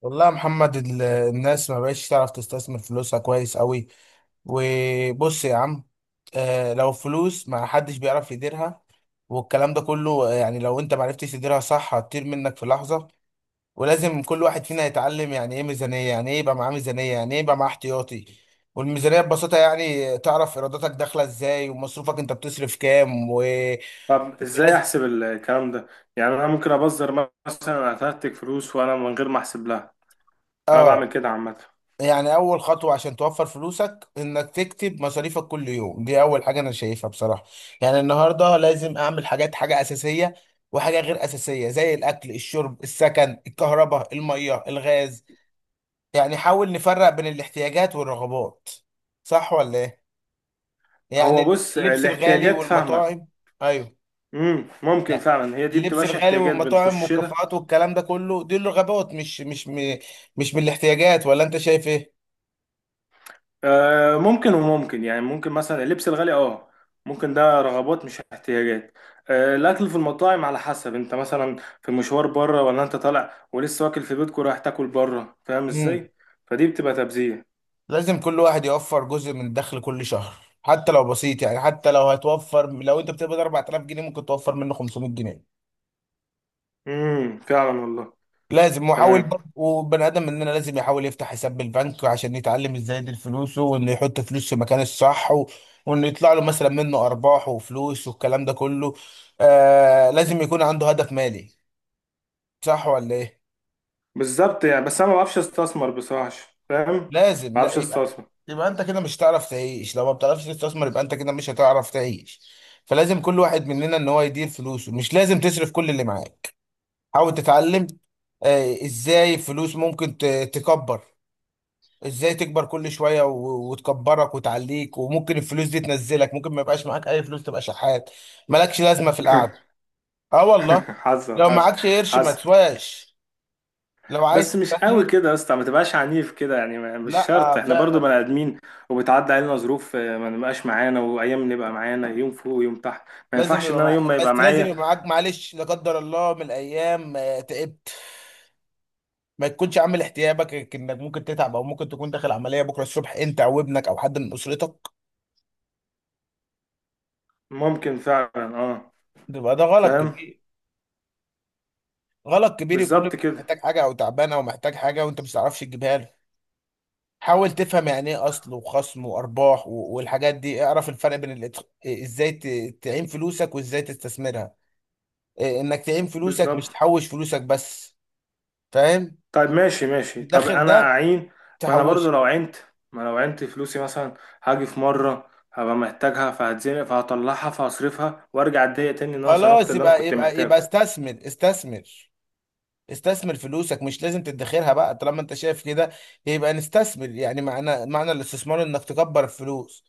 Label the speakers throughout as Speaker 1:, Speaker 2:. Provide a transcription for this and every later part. Speaker 1: والله يا محمد الناس ما بقتش تعرف تستثمر فلوسها كويس قوي. وبص يا عم. لو فلوس ما حدش بيعرف يديرها. والكلام ده كله، يعني لو انت ما عرفتش تديرها صح هتطير منك في لحظة. ولازم كل واحد فينا يتعلم يعني ايه ميزانية، يعني ايه يبقى معاه ميزانية، يعني ايه يبقى معاه احتياطي. والميزانية ببساطة يعني تعرف ايراداتك داخلة ازاي، ومصروفك انت بتصرف كام.
Speaker 2: طب ازاي
Speaker 1: ولازم
Speaker 2: احسب الكلام ده؟ يعني انا ممكن ابذر مثلا اترتك فلوس وانا من غير ما احسب لها. انا
Speaker 1: اه
Speaker 2: بعمل كده عامه.
Speaker 1: يعني اول خطوه عشان توفر فلوسك انك تكتب مصاريفك كل يوم، دي اول حاجه انا شايفها بصراحه. يعني النهارده لازم اعمل حاجات، حاجه اساسيه وحاجه غير اساسيه، زي الاكل الشرب السكن الكهرباء الميه الغاز. يعني حاول نفرق بين الاحتياجات والرغبات. صح ولا ايه؟
Speaker 2: هو
Speaker 1: يعني
Speaker 2: بص
Speaker 1: اللبس الغالي
Speaker 2: الاحتياجات فاهمك.
Speaker 1: والمطاعم. ايوه.
Speaker 2: ممكن
Speaker 1: يعني
Speaker 2: فعلا هي دي
Speaker 1: اللبس
Speaker 2: بتبقاش
Speaker 1: الغالي
Speaker 2: احتياجات
Speaker 1: والمطاعم
Speaker 2: بنخش لها.
Speaker 1: والكافيهات والكلام ده كله، دي الرغبات، مش من الاحتياجات، ولا انت شايف
Speaker 2: آه ممكن، وممكن يعني ممكن مثلا اللبس الغالي اه، ممكن ده رغبات مش احتياجات. آه الاكل في المطاعم على حسب، انت مثلا في المشوار بره ولا انت طالع ولسه واكل في بيتك ورايح تاكل بره، فاهم
Speaker 1: ايه؟
Speaker 2: ازاي؟ فدي بتبقى تبذير.
Speaker 1: لازم كل واحد يوفر جزء من دخل كل شهر، حتى لو بسيط. يعني حتى لو هتوفر، لو انت بتقبض 4000 جنيه ممكن توفر منه 500 جنيه.
Speaker 2: فعلا والله.
Speaker 1: لازم. وحاول
Speaker 2: تمام.
Speaker 1: برضه، وبني ادم مننا لازم يحاول يفتح حساب بالبنك عشان يتعلم ازاي يدير فلوسه، وانه يحط فلوس في مكان الصح، وانه يطلع له مثلا منه ارباح وفلوس والكلام ده كله. آه، لازم يكون عنده هدف مالي. صح ولا ايه؟
Speaker 2: بالظبط، يعني بس انا ما بعرفش استثمر بصراحه. فاهم، ما
Speaker 1: لازم لا
Speaker 2: بعرفش استثمر.
Speaker 1: يبقى انت كده مش هتعرف تعيش، لو ما بتعرفش تستثمر يبقى انت كده مش هتعرف تعيش. فلازم كل واحد مننا ان هو يدير فلوسه، مش لازم تصرف كل اللي معاك. حاول تتعلم. آه، ازاي فلوس ممكن تكبر. ازاي تكبر كل شوية، وتكبرك وتعليك. وممكن الفلوس دي تنزلك، ممكن ما يبقاش معاك اي فلوس، تبقى شحات مالكش لازمة في القعدة. اه والله.
Speaker 2: حصل
Speaker 1: لو
Speaker 2: حصل
Speaker 1: معكش قرش ما
Speaker 2: حصل
Speaker 1: تسواش. لو عايز
Speaker 2: بس مش قوي
Speaker 1: تستثمر.
Speaker 2: كده يا اسطى، ما تبقاش عنيف كده يعني. ما- مش شرط،
Speaker 1: لا
Speaker 2: احنا برضو
Speaker 1: فعلا.
Speaker 2: بني ادمين وبتعدي علينا ظروف آه، ما نبقاش معانا وايام نبقى معانا، يوم فوق ويوم تحت. ما ينفعش ان انا يوم ما يبقى
Speaker 1: بس لازم
Speaker 2: معايا.
Speaker 1: يبقى معاك، معلش لا قدر الله من الايام تعبت. ما تكونش عامل احتياجك انك ممكن تتعب، او ممكن تكون داخل عمليه بكره الصبح، انت او ابنك او حد من اسرتك.
Speaker 2: ممكن فعلا اه.
Speaker 1: بيبقى ده غلط
Speaker 2: فاهم.
Speaker 1: كبير. غلط كبير يكون
Speaker 2: بالظبط
Speaker 1: ابنك
Speaker 2: كده.
Speaker 1: محتاج حاجه او تعبان او محتاج حاجه وانت مش تعرفش تجيبها له. حاول تفهم يعني ايه اصل وخصم وارباح، والحاجات دي. اعرف الفرق بين الاتخ... إيه، ازاي تعين فلوسك، وازاي تستثمرها. انك تعين فلوسك مش
Speaker 2: بالظبط.
Speaker 1: تحوش فلوسك بس. فاهم؟
Speaker 2: طيب ماشي ماشي، طب
Speaker 1: الداخل
Speaker 2: انا
Speaker 1: ده
Speaker 2: اعين؟ ما انا برضو
Speaker 1: تحوشه.
Speaker 2: لو عينت، ما لو عينت فلوسي مثلا، هاجي في مره هبقى محتاجها فهتزنق فهطلعها فهصرفها وارجع اتضايق تاني ان انا صرفت
Speaker 1: خلاص.
Speaker 2: اللي انا
Speaker 1: يبقى
Speaker 2: كنت
Speaker 1: يبقى يبقى
Speaker 2: محتاجه.
Speaker 1: استثمر استثمر. استثمر فلوسك، مش لازم تدخرها بقى طالما انت شايف كده. يبقى نستثمر. يعني معنى الاستثمار انك تكبر الفلوس.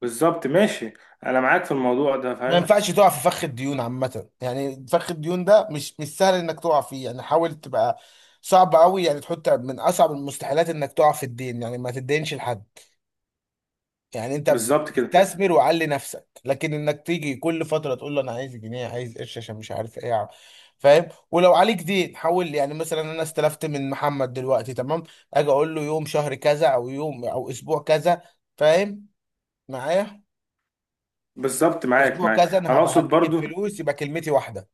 Speaker 2: بالظبط، ماشي. انا معاك في الموضوع ده
Speaker 1: ما
Speaker 2: فاهم.
Speaker 1: ينفعش تقع في فخ الديون عامة، يعني فخ الديون ده مش سهل انك تقع فيه. يعني حاول تبقى صعب قوي، يعني تحط من اصعب المستحيلات انك تقع في الدين، يعني ما تدينش لحد. يعني انت
Speaker 2: بالظبط كده.
Speaker 1: استثمر وعلي نفسك، لكن انك تيجي كل فتره تقول له انا عايز جنيه، عايز قرش عشان مش عارف ايه. فاهم؟ ولو عليك دين حول. يعني مثلا انا استلفت من محمد دلوقتي، تمام. اجي اقول له يوم شهر كذا، او يوم او اسبوع كذا. فاهم؟ معايا.
Speaker 2: بالظبط، معاك
Speaker 1: اسبوع
Speaker 2: معاك.
Speaker 1: كذا انا
Speaker 2: انا
Speaker 1: هبقى
Speaker 2: اقصد
Speaker 1: هديك
Speaker 2: برضو،
Speaker 1: الفلوس، يبقى كلمتي واحده.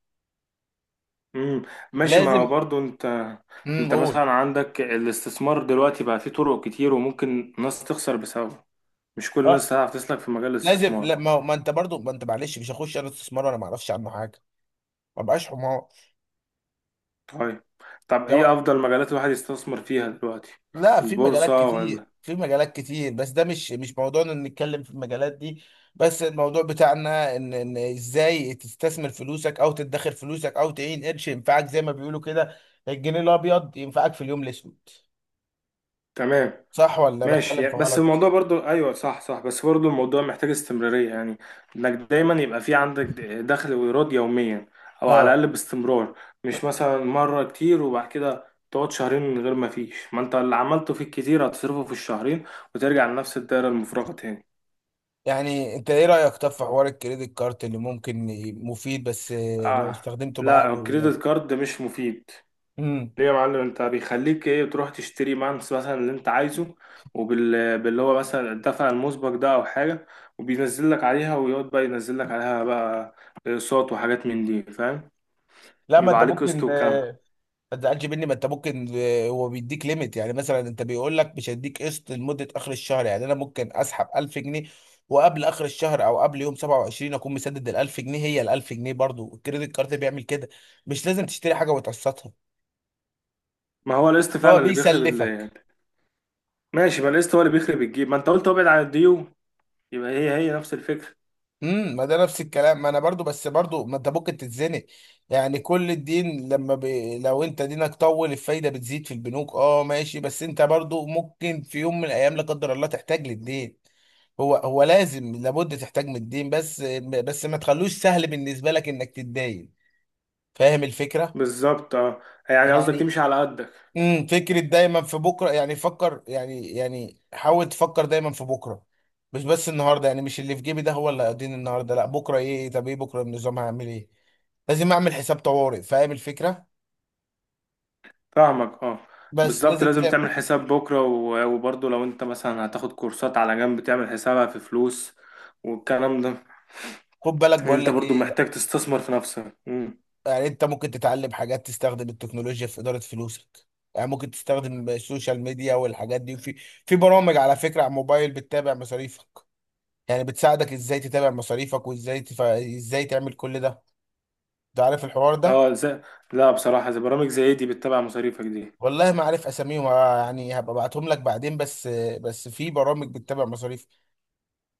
Speaker 2: امم ماشي. ما
Speaker 1: لازم.
Speaker 2: هو برضو انت،
Speaker 1: امم،
Speaker 2: انت
Speaker 1: قول.
Speaker 2: مثلا عندك الاستثمار دلوقتي بقى فيه طرق كتير وممكن ناس تخسر بسببه. مش كل الناس
Speaker 1: اه،
Speaker 2: هتعرف تسلك في مجال
Speaker 1: لازم.
Speaker 2: الاستثمار.
Speaker 1: لا ما انت برضو، ما انت معلش مش هخش انا استثمار وانا ما اعرفش عنه حاجه، ما بقاش حمار.
Speaker 2: طيب، طب ايه
Speaker 1: ده
Speaker 2: افضل مجالات الواحد يستثمر فيها دلوقتي؟
Speaker 1: لا، في مجالات
Speaker 2: البورصة
Speaker 1: كتير،
Speaker 2: ولا؟
Speaker 1: في مجالات كتير، بس ده مش موضوعنا ان نتكلم في المجالات دي. بس الموضوع بتاعنا ان ازاي تستثمر فلوسك، او تدخر فلوسك، او تعين قرش ينفعك، زي ما بيقولوا كده، الجنيه الابيض ينفعك في اليوم الاسود.
Speaker 2: تمام.
Speaker 1: صح ولا
Speaker 2: ماشي
Speaker 1: بتكلم في
Speaker 2: يعني- بس الموضوع
Speaker 1: غلط؟
Speaker 2: برضو، ايوه صح صح، بس برضو الموضوع محتاج استمرارية يعني، انك دايما يبقى في عندك دخل وايراد يوميا، او على
Speaker 1: اه.
Speaker 2: الاقل باستمرار.
Speaker 1: ب-
Speaker 2: مش مثلا مرة كتير وبعد كده تقعد شهرين من غير ما فيش، ما انت اللي عملته في الكتير هتصرفه في الشهرين وترجع لنفس الدائرة المفرغة تاني.
Speaker 1: يعني انت ايه رايك طب في حوار الكريدت كارت، اللي ممكن مفيد بس، لو
Speaker 2: اه
Speaker 1: استخدمته
Speaker 2: لا،
Speaker 1: بعقله ولو...
Speaker 2: الكريدت كارد مش مفيد.
Speaker 1: امم.
Speaker 2: ليه يا معلم؟ انت بيخليك ايه؟ تروح تشتري مانس مثلا اللي انت عايزه، وبال باللي هو مثلا الدفع المسبق ده او حاجه، وبينزل لك عليها ويقعد بقى ينزل لك عليها بقى اقساط وحاجات من دي، فاهم؟
Speaker 1: لا ما
Speaker 2: يبقى
Speaker 1: انت
Speaker 2: عليك
Speaker 1: ممكن.
Speaker 2: قسط وكام.
Speaker 1: ما تزعلش مني، ما انت ممكن، هو بيديك ليميت. يعني مثلا انت بيقول لك مش هيديك قسط لمده اخر الشهر، يعني انا ممكن اسحب 1000 جنيه، وقبل اخر الشهر او قبل يوم 27 اكون مسدد ال 1000 جنيه، هي ال 1000 جنيه. برضو الكريدت كارد بيعمل كده، مش لازم تشتري حاجه وتقسطها.
Speaker 2: ما هو القسط
Speaker 1: هو
Speaker 2: فعلا اللي بيخرب ال-
Speaker 1: بيسلفك.
Speaker 2: ماشي، ما القسط هو اللي بيخرب الجيب، ما انت قلت ابعد عن الديون، يبقى هي هي نفس الفكره.
Speaker 1: امم، ما ده نفس الكلام. ما انا برضو، بس برضو ما انت ممكن تتزنق. يعني كل الدين لو انت دينك طول الفايده بتزيد في البنوك. اه ماشي، بس انت برضو ممكن في يوم من الايام لا قدر الله تحتاج للدين. هو هو لازم لابد تحتاج من الدين، بس بس ما تخلوش سهل بالنسبه لك انك تتدين. فاهم الفكره؟
Speaker 2: بالظبط اه. يعني قصدك
Speaker 1: يعني
Speaker 2: تمشي على قدك.
Speaker 1: فكره دايما في بكره. يعني فكر، يعني حاول تفكر دايما في بكره، مش بس النهارده. يعني مش اللي في جيبي ده هو اللي هيديني النهارده، لا، بكره ايه، طب ايه بكره النظام، هعمل ايه؟ لازم اعمل حساب طوارئ. فاهم الفكره؟
Speaker 2: فاهمك اه.
Speaker 1: بس
Speaker 2: بالظبط،
Speaker 1: لازم
Speaker 2: لازم
Speaker 1: تعمل.
Speaker 2: تعمل حساب بكرة و- وبرضه لو انت مثلا هتاخد كورسات على جنب تعمل حسابها في فلوس والكلام ده،
Speaker 1: خد بالك
Speaker 2: ان
Speaker 1: بقول
Speaker 2: انت
Speaker 1: لك
Speaker 2: برضه
Speaker 1: ايه.
Speaker 2: محتاج تستثمر في نفسك. مم.
Speaker 1: يعني انت ممكن تتعلم حاجات، تستخدم التكنولوجيا في اداره فلوسك. يعني ممكن تستخدم السوشيال ميديا والحاجات دي، في برامج على فكره على الموبايل بتتابع مصاريفك. يعني بتساعدك ازاي تتابع مصاريفك، وازاي ازاي تعمل كل ده. انت عارف الحوار ده.
Speaker 2: اه ازاي؟ لا بصراحة، زي برامج زي دي بتتابع مصاريفك دي؟
Speaker 1: والله ما عارف اساميهم، يعني هبقى ابعتهم لك بعدين. بس بس في برامج بتتابع مصاريفك.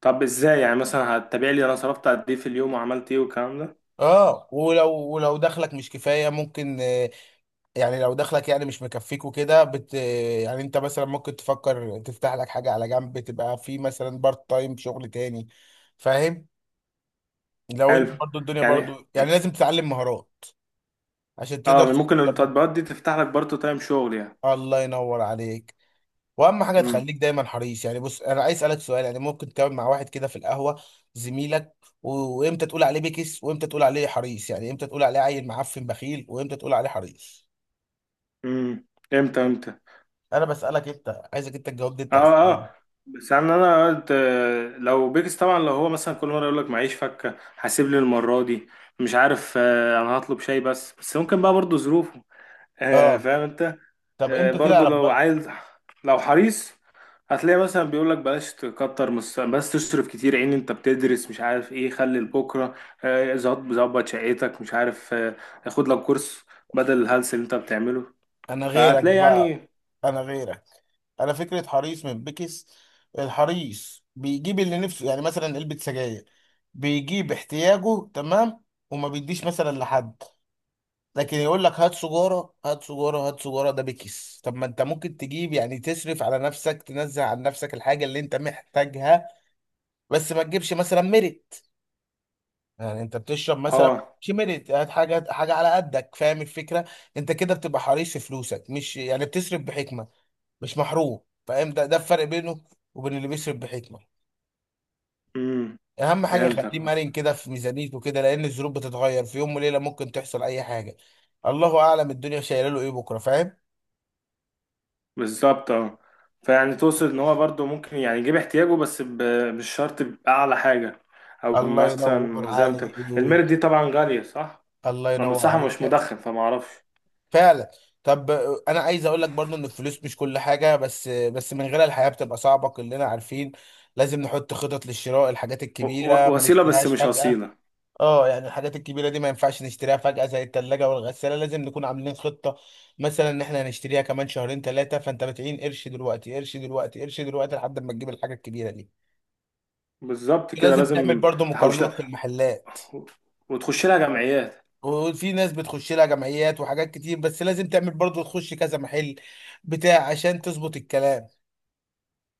Speaker 2: طب ازاي؟ يعني مثلا هتتابع لي انا صرفت قد ايه في اليوم وعملت ايه والكلام ده؟
Speaker 1: اه ولو دخلك مش كفايه ممكن. يعني لو دخلك يعني مش مكفيك وكده يعني انت مثلا ممكن تفكر تفتح لك حاجة على جنب، تبقى في مثلا بارت تايم شغل تاني. فاهم؟ لو انت
Speaker 2: حلو
Speaker 1: برضو الدنيا
Speaker 2: يعني.
Speaker 1: برضو، يعني لازم تتعلم مهارات عشان تقدر
Speaker 2: اه ممكن
Speaker 1: تشتغل برضو.
Speaker 2: التطبيقات دي تفتح لك برضه تايم شغل يعني.
Speaker 1: الله ينور عليك. واهم حاجة
Speaker 2: امم
Speaker 1: تخليك دايما حريص. يعني بص، انا عايز اسألك سؤال، يعني ممكن تقعد مع واحد كده في القهوة، زميلك، وامتى تقول عليه بكس، وامتى تقول عليه حريص؟ يعني امتى تقول عليه عيل معفن بخيل، وامتى تقول عليه حريص؟
Speaker 2: امم امتى امتى؟
Speaker 1: انا بسألك، انت عايزك انت تجاوبني انت على
Speaker 2: اه
Speaker 1: السؤال ده.
Speaker 2: اه. بس يعني انا قلت آه، لو بيكس طبعا، لو هو مثلا كل مره يقول لك معيش فكه هسيب لي المره دي، مش عارف آه، انا هطلب شاي بس، بس ممكن بقى برضو ظروفه. آه،
Speaker 1: اه.
Speaker 2: فاهم انت.
Speaker 1: طب
Speaker 2: آه،
Speaker 1: امتى
Speaker 2: برضو
Speaker 1: تعرف
Speaker 2: لو
Speaker 1: برضه؟
Speaker 2: عايز، لو حريص، هتلاقي مثلا بيقول لك بلاش تكتر مس- بس تصرف كتير، عين، انت بتدرس مش عارف ايه، خلي لبكره. آه، ظبط ظبط شقتك، مش عارف آه، خد لك كورس بدل الهلس اللي انت بتعمله.
Speaker 1: انا غيرك
Speaker 2: فهتلاقي
Speaker 1: بقى.
Speaker 2: يعني.
Speaker 1: انا غيرك. انا فكره حريص من بكس. الحريص بيجيب اللي نفسه، يعني مثلا علبه سجاير، بيجيب احتياجه، تمام، وما بيديش مثلا لحد. لكن يقول لك هات سجاره هات سجاره هات سجاره، ده بكس. طب ما انت ممكن تجيب يعني، تصرف على نفسك، تنزع عن نفسك الحاجه اللي انت محتاجها. بس ما تجيبش مثلا مرق. يعني انت بتشرب مثلا
Speaker 2: اه.
Speaker 1: مش ميريت، هات حاجه حاجه على قدك. فاهم الفكره؟ انت كده بتبقى حريص في فلوسك، مش يعني بتصرف بحكمه، مش محروم. فاهم؟ ده الفرق بينه وبين اللي بيصرف بحكمه.
Speaker 2: امم
Speaker 1: اهم حاجه
Speaker 2: فهمتك.
Speaker 1: خليه مرن كده في ميزانيته كده، لان الظروف بتتغير في يوم وليله، ممكن تحصل اي حاجه. الله اعلم الدنيا شايله له ايه بكره. فاهم؟
Speaker 2: بالظبط اه. فيعني توصل ان هو برضه ممكن يعني يجيب احتياجه، بس ب- مش شرط بأعلى حاجة، او
Speaker 1: الله ينور
Speaker 2: مثلا زي ما انت.
Speaker 1: عليك.
Speaker 2: الميرت دي طبعا غالية صح؟
Speaker 1: الله
Speaker 2: انا
Speaker 1: ينور
Speaker 2: بصراحة مش
Speaker 1: عليك.
Speaker 2: مدخن فما اعرفش.
Speaker 1: فعلا. طب. انا عايز اقول لك برضو ان الفلوس مش كل حاجه، بس بس من غيرها الحياه بتبقى صعبه، كلنا عارفين. لازم نحط خطط للشراء، الحاجات
Speaker 2: و-
Speaker 1: الكبيره
Speaker 2: و-
Speaker 1: ما
Speaker 2: وسيلة بس
Speaker 1: نشتريهاش
Speaker 2: مش
Speaker 1: فجاه.
Speaker 2: أصيلة.
Speaker 1: اه يعني الحاجات الكبيره دي ما ينفعش نشتريها فجاه، زي الثلاجه والغساله، لازم نكون عاملين خطه، مثلا ان احنا هنشتريها كمان شهرين ثلاثه، فانت بتعين قرش دلوقتي، قرش دلوقتي، قرش دلوقتي لحد ما تجيب الحاجه الكبيره دي.
Speaker 2: بالظبط كده،
Speaker 1: لازم تعمل
Speaker 2: لازم
Speaker 1: برضو
Speaker 2: تحوش
Speaker 1: مقارنات في
Speaker 2: لها
Speaker 1: المحلات.
Speaker 2: و- وتخش لها جمعيات.
Speaker 1: وفي ناس بتخش لها جمعيات وحاجات كتير، بس لازم تعمل برضه تخش كذا محل بتاع عشان تظبط الكلام.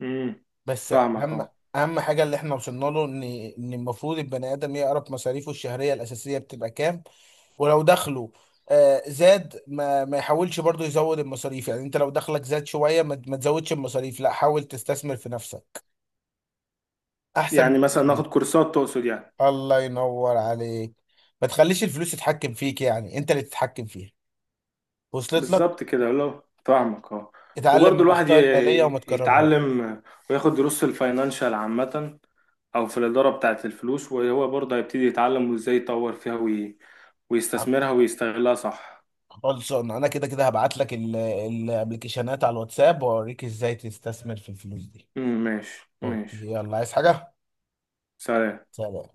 Speaker 2: امم
Speaker 1: بس
Speaker 2: فاهمك
Speaker 1: اهم
Speaker 2: اه.
Speaker 1: اهم حاجه اللي احنا وصلنا له، ان المفروض البني ادم يعرف مصاريفه الشهريه الاساسيه بتبقى كام. ولو دخله آه، زاد ما يحاولش برضه يزود المصاريف. يعني انت لو دخلك زاد شويه ما تزودش المصاريف، لا حاول تستثمر في نفسك احسن.
Speaker 2: يعني مثلا
Speaker 1: من
Speaker 2: ناخد كورسات تقصد يعني.
Speaker 1: الله ينور عليك. ما تخليش الفلوس تتحكم فيك، يعني انت اللي تتحكم فيها. وصلت لك؟
Speaker 2: بالظبط كده، لو فاهمك اه.
Speaker 1: اتعلم
Speaker 2: وبرضه
Speaker 1: من
Speaker 2: الواحد
Speaker 1: اخطاء الماليه وما
Speaker 2: ي-
Speaker 1: تكررهاش.
Speaker 2: يتعلم وياخد دروس في الفاينانشال عامة، أو في الإدارة بتاعة الفلوس وهو برضه هيبتدي يتعلم، وإزاي يطور فيها وي... ويستثمرها ويستغلها صح.
Speaker 1: خلصان. انا كده كده هبعت لك الابلكيشنات على الواتساب، واوريك ازاي تستثمر في الفلوس دي.
Speaker 2: مم، ماشي
Speaker 1: اوكي،
Speaker 2: ماشي.
Speaker 1: يلا، عايز حاجه؟
Speaker 2: سلام.
Speaker 1: سلام.